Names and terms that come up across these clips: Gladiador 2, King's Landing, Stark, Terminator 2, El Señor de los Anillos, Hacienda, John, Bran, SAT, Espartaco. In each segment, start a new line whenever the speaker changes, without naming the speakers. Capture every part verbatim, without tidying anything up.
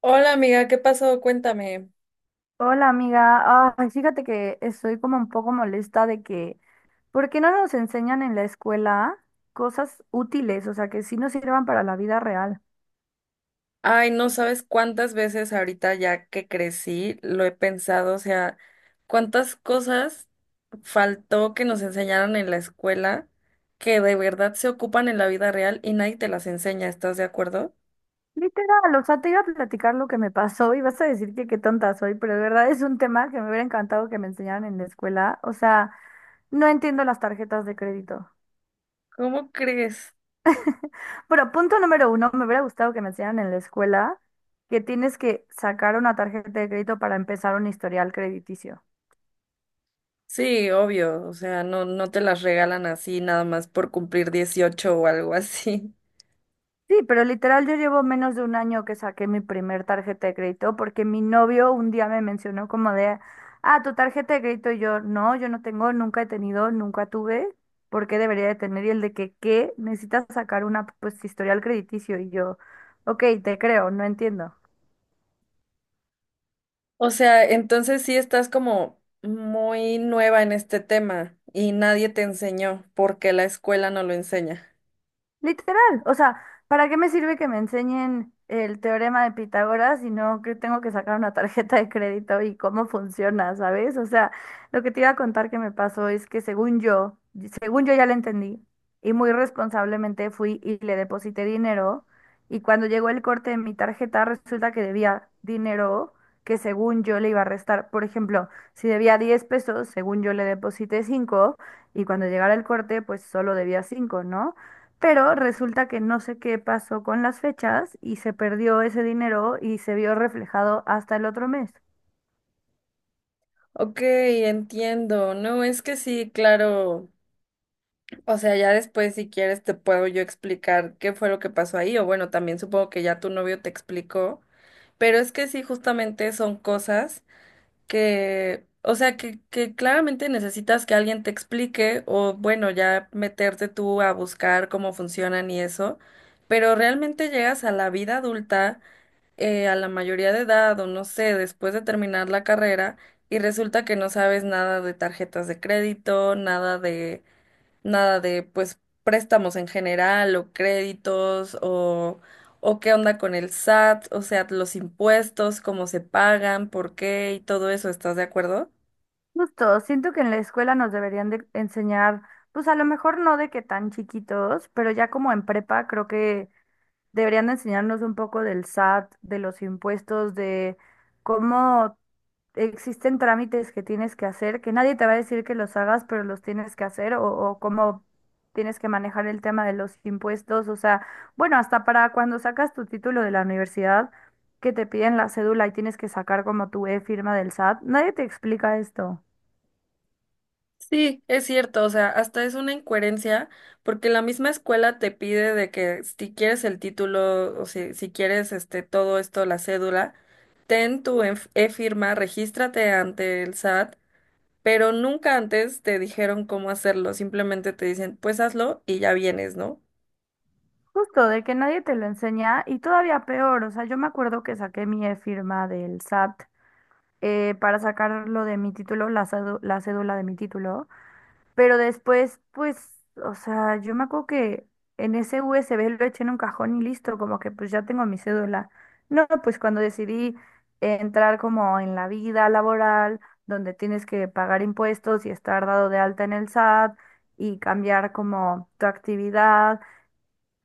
Hola amiga, ¿qué pasó? Cuéntame.
Hola amiga, ay, fíjate que estoy como un poco molesta de que, ¿por qué no nos enseñan en la escuela cosas útiles, o sea, que sí nos sirvan para la vida real?
Ay, no sabes cuántas veces ahorita ya que crecí lo he pensado, o sea, cuántas cosas faltó que nos enseñaran en la escuela que de verdad se ocupan en la vida real y nadie te las enseña, ¿estás de acuerdo?
Literal, o sea, te iba a platicar lo que me pasó y vas a decir que qué tonta soy, pero de verdad es un tema que me hubiera encantado que me enseñaran en la escuela, o sea, no entiendo las tarjetas de crédito.
¿Cómo crees?
Bueno, punto número uno, me hubiera gustado que me enseñaran en la escuela que tienes que sacar una tarjeta de crédito para empezar un historial crediticio.
Sí, obvio, o sea, no, no te las regalan así nada más por cumplir dieciocho o algo así.
Sí, pero literal yo llevo menos de un año que saqué mi primer tarjeta de crédito porque mi novio un día me mencionó como de, ah, tu tarjeta de crédito y yo, no, yo no tengo, nunca he tenido, nunca tuve, ¿por qué debería de tener? Y el de que, ¿qué? Necesitas sacar una, pues, historial crediticio y yo, ok, te creo, no entiendo.
O sea, entonces sí estás como muy nueva en este tema y nadie te enseñó porque la escuela no lo enseña.
Literal, o sea, ¿para qué me sirve que me enseñen el teorema de Pitágoras si no que tengo que sacar una tarjeta de crédito y cómo funciona, ¿sabes? O sea, lo que te iba a contar que me pasó es que según yo, según yo ya la entendí y muy responsablemente fui y le deposité dinero y cuando llegó el corte de mi tarjeta resulta que debía dinero que según yo le iba a restar. Por ejemplo, si debía diez pesos, según yo le deposité cinco y cuando llegara el corte pues solo debía cinco, ¿no? Pero resulta que no sé qué pasó con las fechas y se perdió ese dinero y se vio reflejado hasta el otro mes.
Ok, entiendo. No, es que sí, claro. O sea, ya después si quieres te puedo yo explicar qué fue lo que pasó ahí o bueno, también supongo que ya tu novio te explicó, pero es que sí, justamente son cosas que, o sea, que, que claramente necesitas que alguien te explique o bueno, ya meterte tú a buscar cómo funcionan y eso, pero realmente llegas a la vida adulta, eh, a la mayoría de edad o no sé, después de terminar la carrera y resulta que no sabes nada de tarjetas de crédito, nada de nada de pues préstamos en general o créditos o, o qué onda con el S A T, o sea, los impuestos, cómo se pagan, por qué y todo eso, ¿estás de acuerdo?
Justo, siento que en la escuela nos deberían de enseñar, pues a lo mejor no de que tan chiquitos, pero ya como en prepa creo que deberían de enseñarnos un poco del SAT, de los impuestos, de cómo existen trámites que tienes que hacer, que nadie te va a decir que los hagas, pero los tienes que hacer, o, o cómo tienes que manejar el tema de los impuestos, o sea, bueno, hasta para cuando sacas tu título de la universidad, que te piden la cédula y tienes que sacar como tu e-firma del SAT, nadie te explica esto.
Sí, es cierto, o sea, hasta es una incoherencia porque la misma escuela te pide de que si quieres el título o si, si quieres este todo esto, la cédula, ten tu enf- e-firma, regístrate ante el S A T, pero nunca antes te dijeron cómo hacerlo, simplemente te dicen, pues hazlo y ya vienes, ¿no?
Justo, de que nadie te lo enseña y todavía peor, o sea, yo me acuerdo que saqué mi e-firma del SAT eh, para sacarlo de mi título, la, cédu- la cédula de mi título. Pero después, pues, o sea, yo me acuerdo que en ese U S B lo eché en un cajón y listo, como que pues ya tengo mi cédula. No, pues cuando decidí entrar como en la vida laboral, donde tienes que pagar impuestos y estar dado de alta en el SAT y cambiar como tu actividad,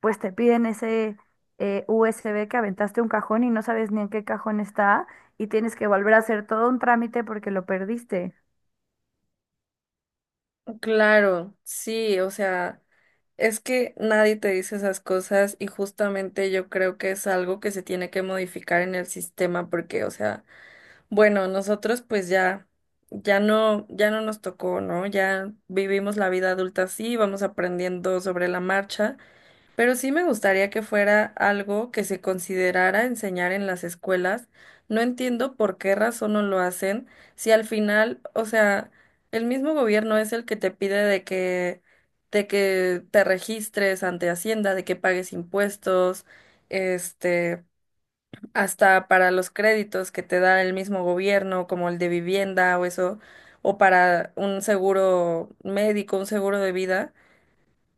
pues te piden ese eh, U S B que aventaste un cajón y no sabes ni en qué cajón está y tienes que volver a hacer todo un trámite porque lo perdiste.
Claro, sí, o sea, es que nadie te dice esas cosas y justamente yo creo que es algo que se tiene que modificar en el sistema porque, o sea, bueno, nosotros pues ya, ya no, ya no nos tocó, ¿no? Ya vivimos la vida adulta así, vamos aprendiendo sobre la marcha, pero sí me gustaría que fuera algo que se considerara enseñar en las escuelas. No entiendo por qué razón no lo hacen, si al final, o sea, el mismo gobierno es el que te pide de que, de que te registres ante Hacienda, de que pagues impuestos, este, hasta para los créditos que te da el mismo gobierno, como el de vivienda o eso, o para un seguro médico, un seguro de vida.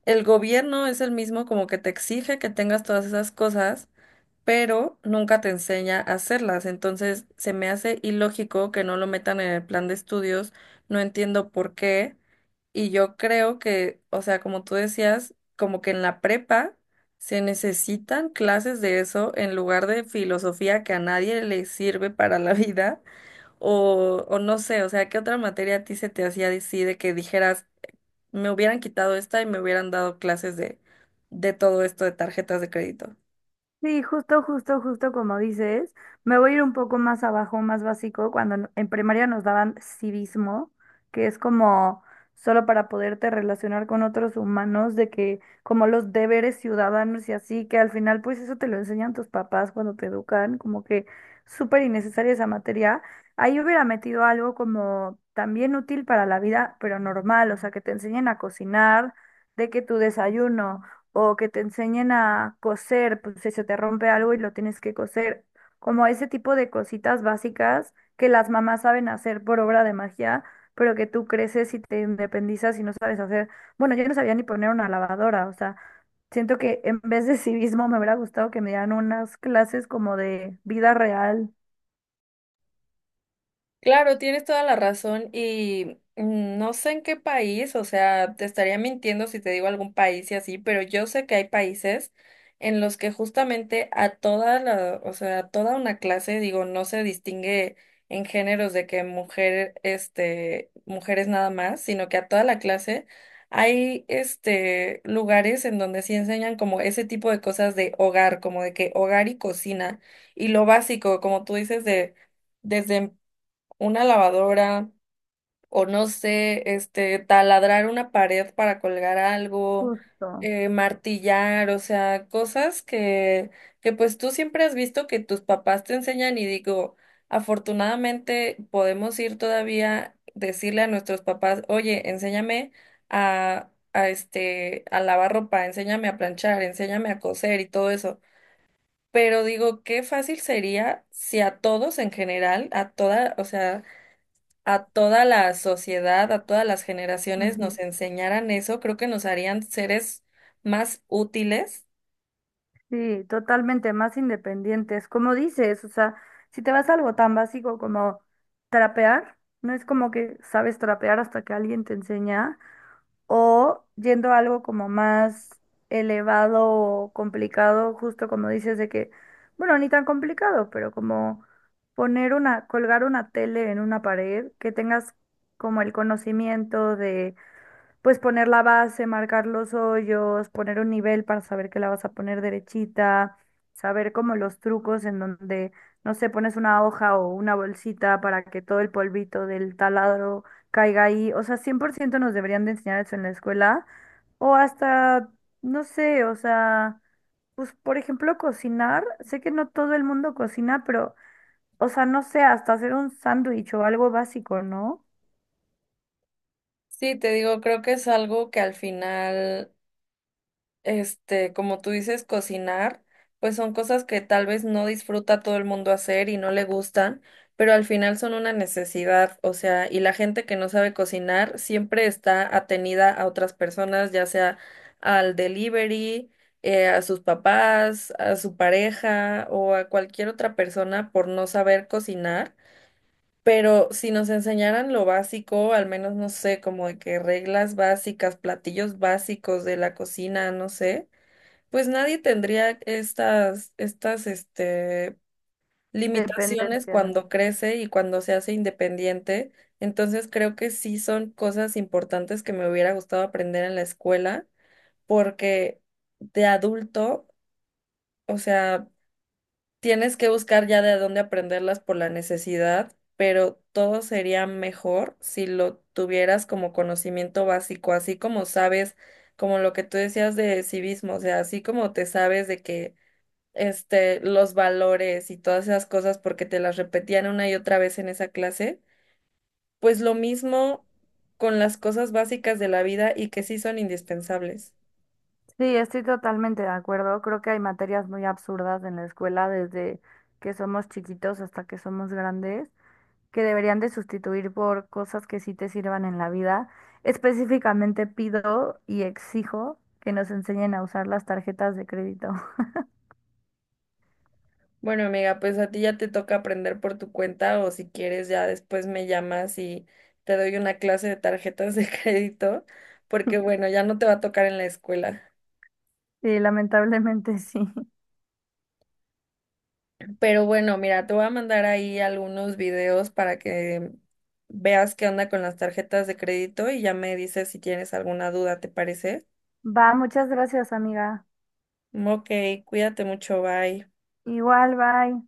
El gobierno es el mismo como que te exige que tengas todas esas cosas, pero nunca te enseña a hacerlas. Entonces, se me hace ilógico que no lo metan en el plan de estudios. No entiendo por qué. Y yo creo que, o sea, como tú decías, como que en la prepa se necesitan clases de eso en lugar de filosofía que a nadie le sirve para la vida. O, o no sé, o sea, ¿qué otra materia a ti se te hacía así de que dijeras? Me hubieran quitado esta y me hubieran dado clases de, de todo esto de tarjetas de crédito.
Sí, justo, justo, justo como dices, me voy a ir un poco más abajo, más básico, cuando en en primaria nos daban civismo, que es como solo para poderte relacionar con otros humanos, de que como los deberes ciudadanos y así, que al final pues eso te lo enseñan tus papás cuando te educan, como que súper innecesaria esa materia. Ahí hubiera metido algo como también útil para la vida, pero normal, o sea, que te enseñen a cocinar, de que tu desayuno o que te enseñen a coser, pues si se te rompe algo y lo tienes que coser, como ese tipo de cositas básicas que las mamás saben hacer por obra de magia, pero que tú creces y te independizas y no sabes hacer. Bueno, yo no sabía ni poner una lavadora, o sea, siento que en vez de civismo me hubiera gustado que me dieran unas clases como de vida real.
Claro, tienes toda la razón y mm, no sé en qué país, o sea, te estaría mintiendo si te digo algún país y así, pero yo sé que hay países en los que justamente a toda la, o sea, a toda una clase, digo, no se distingue en géneros de que mujer, este, mujeres nada más, sino que a toda la clase hay, este, lugares en donde sí enseñan como ese tipo de cosas de hogar, como de que hogar y cocina y lo básico, como tú dices, de desde una lavadora o no sé, este, taladrar una pared para colgar algo,
Justo.
eh, martillar, o sea, cosas que, que pues tú siempre has visto que tus papás te enseñan y digo, afortunadamente podemos ir todavía, decirle a nuestros papás, oye, enséñame a, a este, a lavar ropa, enséñame a planchar, enséñame a coser y todo eso. Pero digo, qué fácil sería si a todos en general, a toda, o sea, a toda la sociedad, a todas las generaciones
Ujú.
nos enseñaran eso, creo que nos harían seres más útiles.
Sí, totalmente más independientes. Como dices, o sea, si te vas a algo tan básico como trapear, no es como que sabes trapear hasta que alguien te enseña, o yendo a algo como más elevado o complicado, justo como dices de que, bueno, ni tan complicado, pero como poner una, colgar una tele en una pared, que tengas como el conocimiento pues poner la base, marcar los hoyos, poner un nivel para saber que la vas a poner derechita, saber como los trucos en donde, no sé, pones una hoja o una bolsita para que todo el polvito del taladro caiga ahí. O sea, cien por ciento nos deberían de enseñar eso en la escuela. O hasta, no sé, o sea, pues por ejemplo cocinar. Sé que no todo el mundo cocina, pero, o sea, no sé, hasta hacer un sándwich o algo básico, ¿no?
Sí, te digo, creo que es algo que al final este, como tú dices, cocinar, pues son cosas que tal vez no disfruta todo el mundo hacer y no le gustan, pero al final son una necesidad, o sea, y la gente que no sabe cocinar siempre está atenida a otras personas, ya sea al delivery, eh, a sus papás, a su pareja o a cualquier otra persona por no saber cocinar. Pero si nos enseñaran lo básico, al menos no sé, como de que reglas básicas, platillos básicos de la cocina, no sé, pues nadie tendría estas, estas, este, limitaciones
Dependencia.
cuando crece y cuando se hace independiente. Entonces creo que sí son cosas importantes que me hubiera gustado aprender en la escuela, porque de adulto, o sea, tienes que buscar ya de dónde aprenderlas por la necesidad, pero todo sería mejor si lo tuvieras como conocimiento básico, así como sabes, como lo que tú decías de civismo, o sea, así como te sabes de que este, los valores y todas esas cosas porque te las repetían una y otra vez en esa clase, pues lo mismo con las cosas básicas de la vida y que sí son indispensables.
Sí, estoy totalmente de acuerdo. Creo que hay materias muy absurdas en la escuela desde que somos chiquitos hasta que somos grandes, que deberían de sustituir por cosas que sí te sirvan en la vida. Específicamente pido y exijo que nos enseñen a usar las tarjetas de crédito.
Bueno, amiga, pues a ti ya te toca aprender por tu cuenta o si quieres ya después me llamas y te doy una clase de tarjetas de crédito, porque bueno, ya no te va a tocar en la escuela.
Sí, lamentablemente sí.
Pero bueno, mira, te voy a mandar ahí algunos videos para que veas qué onda con las tarjetas de crédito y ya me dices si tienes alguna duda, ¿te parece?
Va, muchas gracias, amiga.
Ok, cuídate mucho, bye.
Igual, bye.